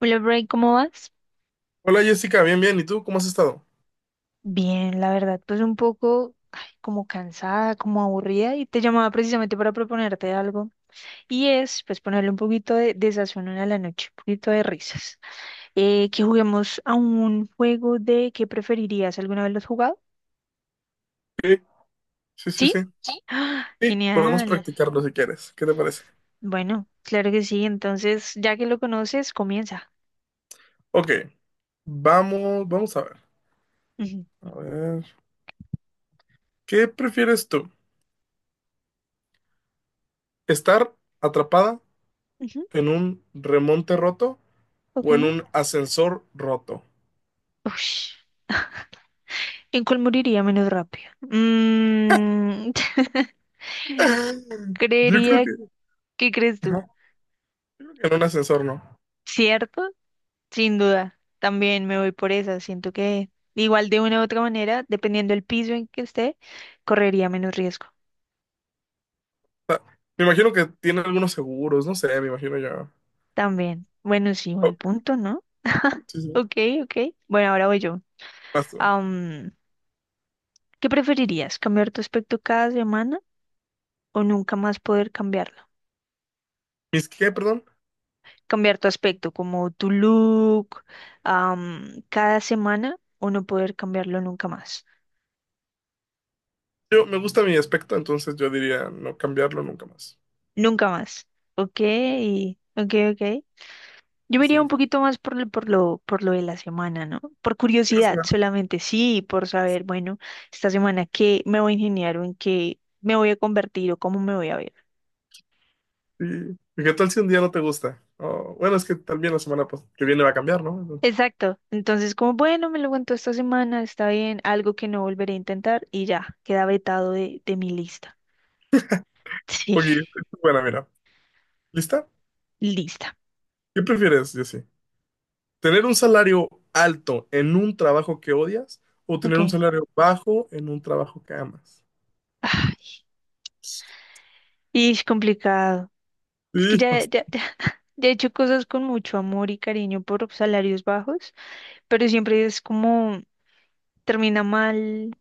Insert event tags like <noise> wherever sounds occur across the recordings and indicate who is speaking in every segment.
Speaker 1: Hola, Bray, ¿cómo vas?
Speaker 2: Hola Jessica, bien, bien. ¿Y tú cómo has estado?
Speaker 1: Bien, la verdad, pues un poco ay, como cansada, como aburrida y te llamaba precisamente para proponerte algo y es pues ponerle un poquito de sazón a la noche, un poquito de risas. Que juguemos a un juego de ¿qué preferirías? ¿Alguna vez lo has jugado?
Speaker 2: Sí, sí, sí, sí.
Speaker 1: ¿Sí?
Speaker 2: Sí,
Speaker 1: ¡Ah!
Speaker 2: Sí, podemos
Speaker 1: Genial.
Speaker 2: practicarlo si quieres. ¿Qué te parece?
Speaker 1: Bueno, claro que sí, entonces ya que lo conoces, comienza.
Speaker 2: Ok, vamos a ver.
Speaker 1: Ujú,
Speaker 2: A ver, ¿qué prefieres tú? ¿Estar atrapada
Speaker 1: ujú,
Speaker 2: en un remonte roto o en
Speaker 1: ok.
Speaker 2: un ascensor roto?
Speaker 1: Ush. <laughs> ¿En cuál moriría menos rápido? <laughs>
Speaker 2: <laughs> Yo creo
Speaker 1: Creería
Speaker 2: que,
Speaker 1: que crees tú,
Speaker 2: ajá, yo creo que en un ascensor no.
Speaker 1: ¿cierto? Sin duda, también me voy por esa. Siento que igual de una u otra manera, dependiendo del piso en que esté, correría menos riesgo.
Speaker 2: O sea, me imagino que tiene algunos seguros, no sé, me imagino yo.
Speaker 1: También. Bueno, sí, buen
Speaker 2: Ok,
Speaker 1: punto, ¿no?
Speaker 2: sí, sí.
Speaker 1: Ok, ok. Bueno, ahora voy yo.
Speaker 2: Vas tú.
Speaker 1: Am, ¿Qué preferirías? ¿Cambiar tu aspecto cada semana o nunca más poder cambiarlo?
Speaker 2: ¿Mis qué, perdón?
Speaker 1: Cambiar tu aspecto, como tu look, cada semana o no poder cambiarlo nunca más.
Speaker 2: Yo me gusta mi aspecto, entonces yo diría no cambiarlo nunca más.
Speaker 1: Nunca más. Ok,
Speaker 2: Sí,
Speaker 1: ok, ok. Yo me
Speaker 2: sí.
Speaker 1: iría un poquito más por lo de la semana, ¿no? Por
Speaker 2: Cada
Speaker 1: curiosidad
Speaker 2: semana.
Speaker 1: solamente, sí, por saber, bueno, esta semana qué me voy a ingeniar o en qué me voy a convertir o cómo me voy a ver.
Speaker 2: Sí. ¿Y qué tal si un día no te gusta? O, bueno, es que también la semana pues, que viene va a cambiar, ¿no?
Speaker 1: Exacto. Entonces, como, bueno, me lo cuento esta semana, está bien, algo que no volveré a intentar y ya, queda vetado de mi lista. <laughs> Sí,
Speaker 2: Ok, bueno, mira. ¿Lista?
Speaker 1: lista.
Speaker 2: ¿Qué prefieres, Jessy? ¿Tener un salario alto en un trabajo que odias o
Speaker 1: Ok.
Speaker 2: tener un salario bajo en un trabajo que amas?
Speaker 1: Ah, y es complicado. Es que
Speaker 2: Sí,
Speaker 1: ya,
Speaker 2: bast-
Speaker 1: ya, ya, <laughs> ya he hecho cosas con mucho amor y cariño por salarios bajos, pero siempre es como termina mal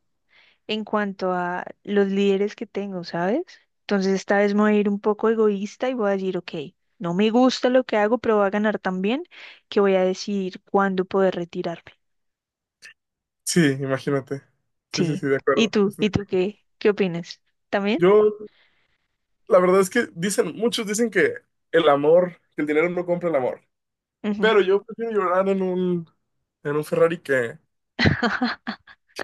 Speaker 1: en cuanto a los líderes que tengo, ¿sabes? Entonces esta vez me voy a ir un poco egoísta y voy a decir, ok, no me gusta lo que hago, pero voy a ganar tan bien que voy a decidir cuándo poder retirarme.
Speaker 2: sí, imagínate. Sí, sí,
Speaker 1: Sí.
Speaker 2: sí, de
Speaker 1: ¿Y
Speaker 2: acuerdo.
Speaker 1: tú?
Speaker 2: Estoy
Speaker 1: ¿Y
Speaker 2: de
Speaker 1: tú
Speaker 2: acuerdo.
Speaker 1: qué? ¿Qué opinas? ¿También?
Speaker 2: Yo, la verdad es que muchos dicen que que el dinero no compra el amor.
Speaker 1: Ujú.
Speaker 2: Pero yo prefiero llorar en en un Ferrari que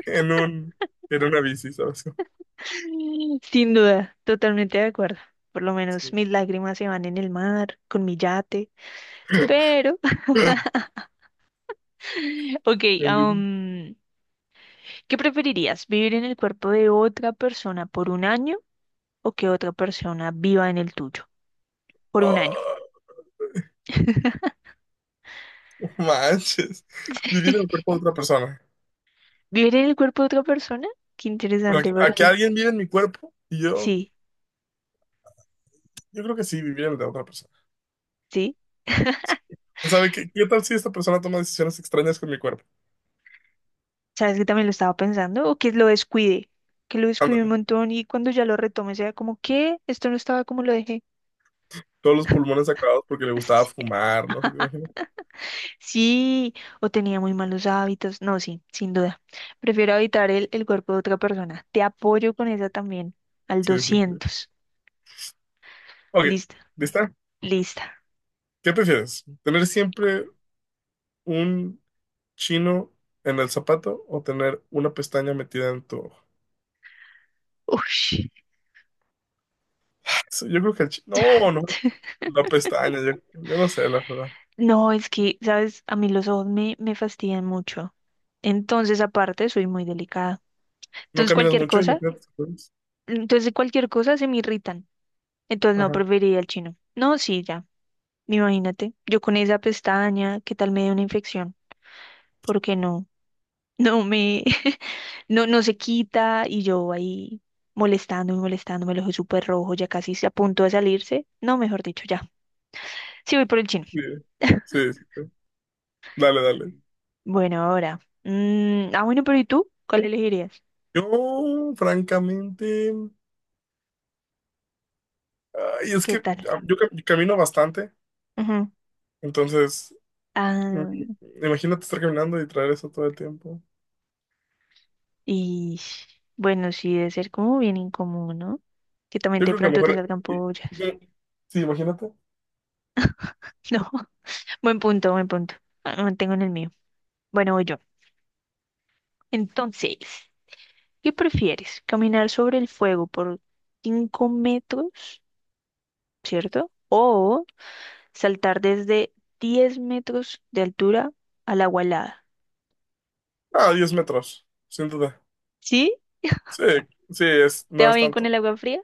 Speaker 2: en en una bici, ¿sabes?
Speaker 1: <laughs> Sin duda, totalmente de acuerdo. Por lo menos mis lágrimas se van en el mar, con mi yate.
Speaker 2: <laughs>
Speaker 1: Pero,
Speaker 2: Sí.
Speaker 1: <laughs> ok,
Speaker 2: En bici.
Speaker 1: ¿qué preferirías? ¿Vivir en el cuerpo de otra persona por un año? O que otra persona viva en el tuyo por un año.
Speaker 2: Oh,
Speaker 1: <laughs>
Speaker 2: no manches. Vivir en el cuerpo de otra persona.
Speaker 1: ¿Vivir en el cuerpo de otra persona? Qué
Speaker 2: Pero
Speaker 1: interesante,
Speaker 2: que a que
Speaker 1: porque
Speaker 2: alguien vive en mi cuerpo,
Speaker 1: sí,
Speaker 2: yo creo que sí, vivir en el de otra persona.
Speaker 1: sí.
Speaker 2: ¿Sabe qué, qué tal si esta persona toma decisiones extrañas con mi cuerpo?
Speaker 1: ¿Sabes que también lo estaba pensando? O que lo descuide
Speaker 2: Ándale.
Speaker 1: un montón y cuando ya lo retome sea como, ¿qué? Esto no estaba como lo dejé.
Speaker 2: Todos los pulmones
Speaker 1: <laughs>
Speaker 2: acabados porque le gustaba
Speaker 1: Sí.
Speaker 2: fumar, ¿no? ¿Te imaginas?
Speaker 1: <laughs> Sí, o tenía muy malos hábitos. No, sí, sin duda. Prefiero habitar el cuerpo de otra persona. Te apoyo con esa también, al
Speaker 2: Sí, sí, sí.
Speaker 1: 200.
Speaker 2: Ok,
Speaker 1: Lista,
Speaker 2: ¿lista?
Speaker 1: lista.
Speaker 2: ¿Qué prefieres? ¿Tener siempre un chino en el zapato o tener una pestaña metida en tu ojo?
Speaker 1: Ush.
Speaker 2: Eso, yo creo que el chino. No, no.
Speaker 1: <laughs>
Speaker 2: La pestaña, yo no sé, la verdad.
Speaker 1: No, es que, sabes, a mí los ojos me fastidian mucho. Entonces, aparte, soy muy delicada.
Speaker 2: No
Speaker 1: Entonces,
Speaker 2: caminas
Speaker 1: cualquier
Speaker 2: mucho y me
Speaker 1: cosa,
Speaker 2: quedas. Pues,
Speaker 1: entonces cualquier cosa se me irritan. Entonces, no,
Speaker 2: ajá.
Speaker 1: preferiría el chino. No, sí, ya. Imagínate, yo con esa pestaña, ¿qué tal me dé una infección? Porque no, no me, <laughs> no, no se quita y yo ahí molestando y molestando, me lo ojo súper rojo, ya casi se a punto de salirse. No, mejor dicho, ya. Sí, voy por el chino.
Speaker 2: Sí,
Speaker 1: <laughs>
Speaker 2: sí, sí, sí. Dale, dale.
Speaker 1: Bueno, ahora. Bueno, pero ¿y tú? ¿Cuál elegirías?
Speaker 2: Yo, francamente, ay, es
Speaker 1: ¿Qué
Speaker 2: que
Speaker 1: tal?
Speaker 2: ah, yo camino bastante,
Speaker 1: Ujú.
Speaker 2: entonces, mm,
Speaker 1: Ah,
Speaker 2: imagínate estar caminando y traer eso todo el tiempo.
Speaker 1: y bueno, sí debe ser como bien incómodo, ¿no? Que también
Speaker 2: Yo
Speaker 1: de
Speaker 2: creo que a lo
Speaker 1: pronto te
Speaker 2: mejor.
Speaker 1: salgan pollas.
Speaker 2: Y- Sí, imagínate.
Speaker 1: <laughs> No, buen punto, buen punto. Ah, me mantengo en el mío. Bueno, voy yo. Entonces, ¿qué prefieres? ¿Caminar sobre el fuego por 5 metros, cierto? ¿O saltar desde 10 metros de altura al agua helada?
Speaker 2: Ah, 10 metros, sin duda.
Speaker 1: ¿Sí?
Speaker 2: Sí,
Speaker 1: ¿Te
Speaker 2: no
Speaker 1: va
Speaker 2: es
Speaker 1: bien con
Speaker 2: tanto.
Speaker 1: el agua fría?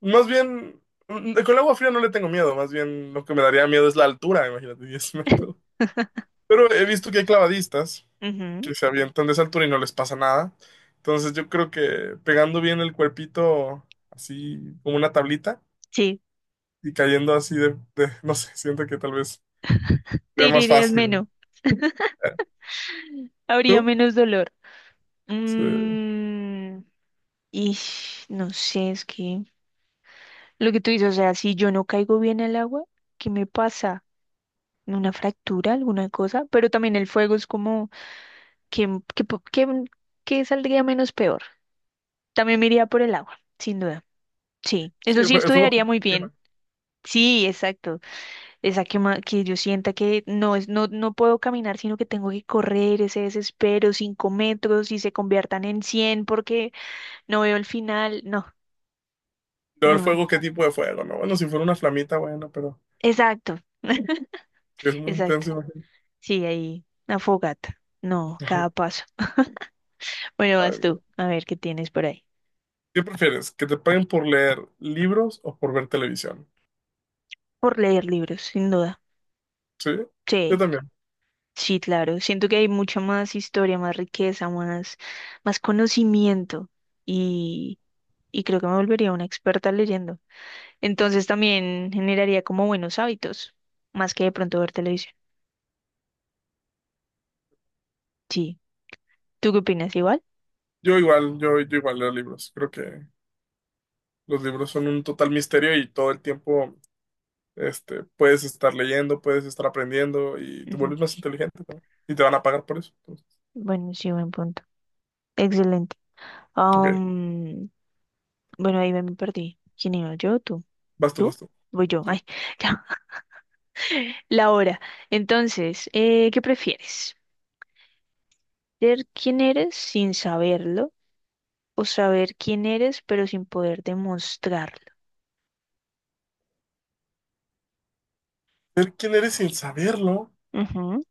Speaker 2: Más bien, mm, con el agua fría no le tengo miedo, más bien lo que me daría miedo es la altura, imagínate, 10 metros.
Speaker 1: <laughs>
Speaker 2: Pero he visto que hay clavadistas
Speaker 1: Ujú,
Speaker 2: que se avientan de esa altura y no les pasa nada. Entonces yo creo que pegando bien el cuerpito así como una tablita
Speaker 1: sí,
Speaker 2: y cayendo así <laughs> no sé, siento que tal vez
Speaker 1: te
Speaker 2: sería más
Speaker 1: herirías
Speaker 2: fácil, ¿no?
Speaker 1: menos,
Speaker 2: Eh,
Speaker 1: habría
Speaker 2: ¿tú?
Speaker 1: menos dolor.
Speaker 2: Sí,
Speaker 1: Mm, y no sé, es que lo que tú dices, o sea, si yo no caigo bien al agua, ¿qué me pasa? ¿Una fractura, alguna cosa? Pero también el fuego es como, ¿qué, qué, po- qué- qué saldría menos peor? También me iría por el agua, sin duda. Sí,
Speaker 2: sí,
Speaker 1: eso sí
Speaker 2: el fuego te
Speaker 1: estudiaría muy bien.
Speaker 2: quema.
Speaker 1: Sí, exacto. Esa que, que yo sienta que no es, no, no puedo caminar, sino que tengo que correr ese desespero, 5 metros y se conviertan en 100 porque no veo el final. No.
Speaker 2: Pero el
Speaker 1: No,
Speaker 2: fuego, ¿qué tipo de fuego? No, bueno, si fuera una flamita, bueno, pero
Speaker 1: exacto, <laughs>
Speaker 2: si es muy
Speaker 1: exacto.
Speaker 2: intenso, imagínate.
Speaker 1: Sí, ahí, una fogata. No, cada
Speaker 2: <laughs>
Speaker 1: paso. Bueno,
Speaker 2: Ay,
Speaker 1: vas tú,
Speaker 2: no.
Speaker 1: a ver qué tienes por ahí.
Speaker 2: ¿Qué prefieres? ¿Que te paguen por leer libros o por ver televisión?
Speaker 1: Por leer libros, sin duda.
Speaker 2: Sí, yo
Speaker 1: Sí,
Speaker 2: también.
Speaker 1: sí, claro. Siento que hay mucha más historia, más riqueza, más, más conocimiento y, y creo que me volvería una experta leyendo. Entonces también generaría como buenos hábitos, más que de pronto ver televisión. Sí, ¿tú qué opinas? ¿Igual?
Speaker 2: Yo igual, yo igual leo libros. Creo que los libros son un total misterio y todo el tiempo, este, puedes estar leyendo, puedes estar aprendiendo y te
Speaker 1: Ujú.
Speaker 2: vuelves más inteligente también. Y te van a pagar por eso. Entonces,
Speaker 1: Bueno, sí, buen punto. Excelente.
Speaker 2: ok,
Speaker 1: Bueno, ahí me perdí. ¿Quién iba? ¿Yo? ¿Tú?
Speaker 2: vas tú,
Speaker 1: ¿Tú?
Speaker 2: vas tú.
Speaker 1: Voy yo.
Speaker 2: Sí.
Speaker 1: Ay, <laughs> ya. La hora. Entonces, ¿qué prefieres? ¿Ser quién eres sin saberlo o saber quién eres pero sin poder demostrarlo?
Speaker 2: ¿Ser quién eres sin saberlo
Speaker 1: Ujú,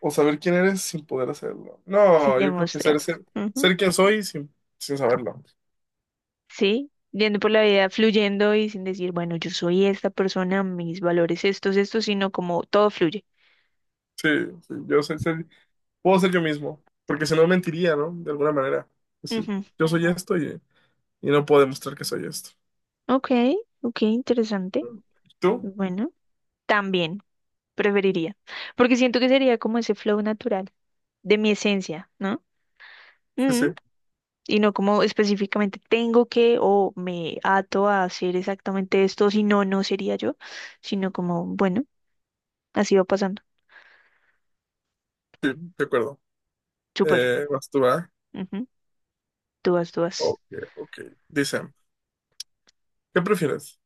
Speaker 2: o saber quién eres sin poder hacerlo?
Speaker 1: sin
Speaker 2: No, yo creo que
Speaker 1: demostrarlo. Ujú,
Speaker 2: ser quien soy sin saberlo.
Speaker 1: sí, yendo por la vida fluyendo y sin decir, bueno, yo soy esta persona, mis valores estos, estos, sino como todo fluye.
Speaker 2: Sí, sí, yo sé, puedo ser yo mismo, porque si no mentiría, ¿no? De alguna manera. Es decir,
Speaker 1: Ujú,
Speaker 2: yo soy esto, y no puedo demostrar que soy esto.
Speaker 1: ok, ok, interesante.
Speaker 2: ¿Tú?
Speaker 1: Bueno, también preferiría, porque siento que sería como ese flow natural de mi esencia, ¿no?
Speaker 2: Sí,
Speaker 1: Mm,
Speaker 2: sí,
Speaker 1: y no como específicamente tengo que o me ato a hacer exactamente esto, si no, no sería yo, sino como, bueno, así va pasando.
Speaker 2: sí, de acuerdo.
Speaker 1: Súper.
Speaker 2: Vas tú, ¿ah?
Speaker 1: Ujú. Tú vas, tú vas.
Speaker 2: Ok, ok. Dice, ¿qué prefieres?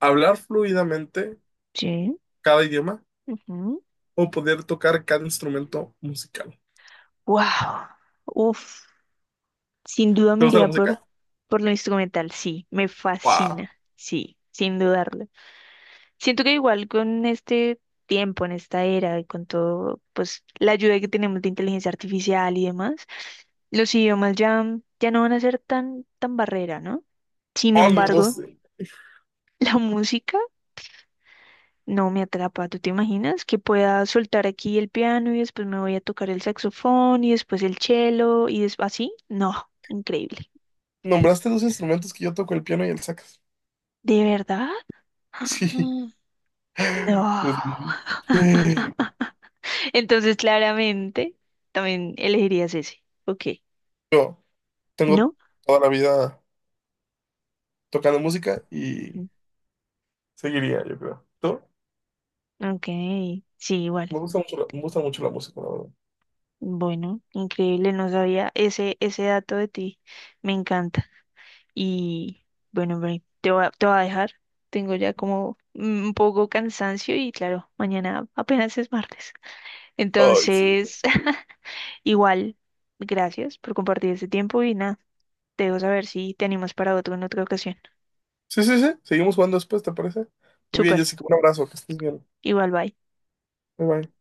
Speaker 2: ¿Hablar fluidamente
Speaker 1: Sí.
Speaker 2: cada idioma
Speaker 1: Ujú.
Speaker 2: o poder tocar cada instrumento musical?
Speaker 1: Wow. Uf. Sin duda
Speaker 2: ¿Te
Speaker 1: me
Speaker 2: gusta la
Speaker 1: iría
Speaker 2: música?
Speaker 1: por lo instrumental, sí, me
Speaker 2: ¡Wow!
Speaker 1: fascina, sí, sin dudarlo. Siento que igual con este tiempo, en esta era, y con todo, pues la ayuda que tenemos de inteligencia artificial y demás, los idiomas ya, ya no van a ser tan barrera, ¿no? Sin
Speaker 2: Oh, no
Speaker 1: embargo,
Speaker 2: sé.
Speaker 1: <laughs> la música no me atrapa. ¿Tú te imaginas que pueda soltar aquí el piano y después me voy a tocar el saxofón y después el cello y después así? No, increíble.
Speaker 2: Nombraste dos instrumentos que yo toco, el piano y el sax.
Speaker 1: ¿De verdad?
Speaker 2: <laughs> Sí.
Speaker 1: <gasps> No.
Speaker 2: Desde niño.
Speaker 1: <laughs> Entonces, claramente, también elegirías ese. Ok.
Speaker 2: Yo tengo
Speaker 1: ¿No?
Speaker 2: toda la vida tocando música y seguiría, yo creo. ¿Tú?
Speaker 1: Ok, sí, igual.
Speaker 2: Me gusta mucho la música, la verdad.
Speaker 1: Bueno, increíble, no sabía ese dato de ti. Me encanta. Y bueno, Bri, te voy a dejar. Tengo ya como un poco cansancio y claro, mañana apenas es martes.
Speaker 2: Ay, sí.
Speaker 1: Entonces, <laughs> igual, gracias por compartir este tiempo y nada, te dejo saber si te animas para otro en otra ocasión.
Speaker 2: Sí, sí, sí. Seguimos jugando después, ¿te parece? Muy bien,
Speaker 1: Súper,
Speaker 2: Jessica. Un abrazo. Que estés bien.
Speaker 1: igual, bye.
Speaker 2: Bye, bye.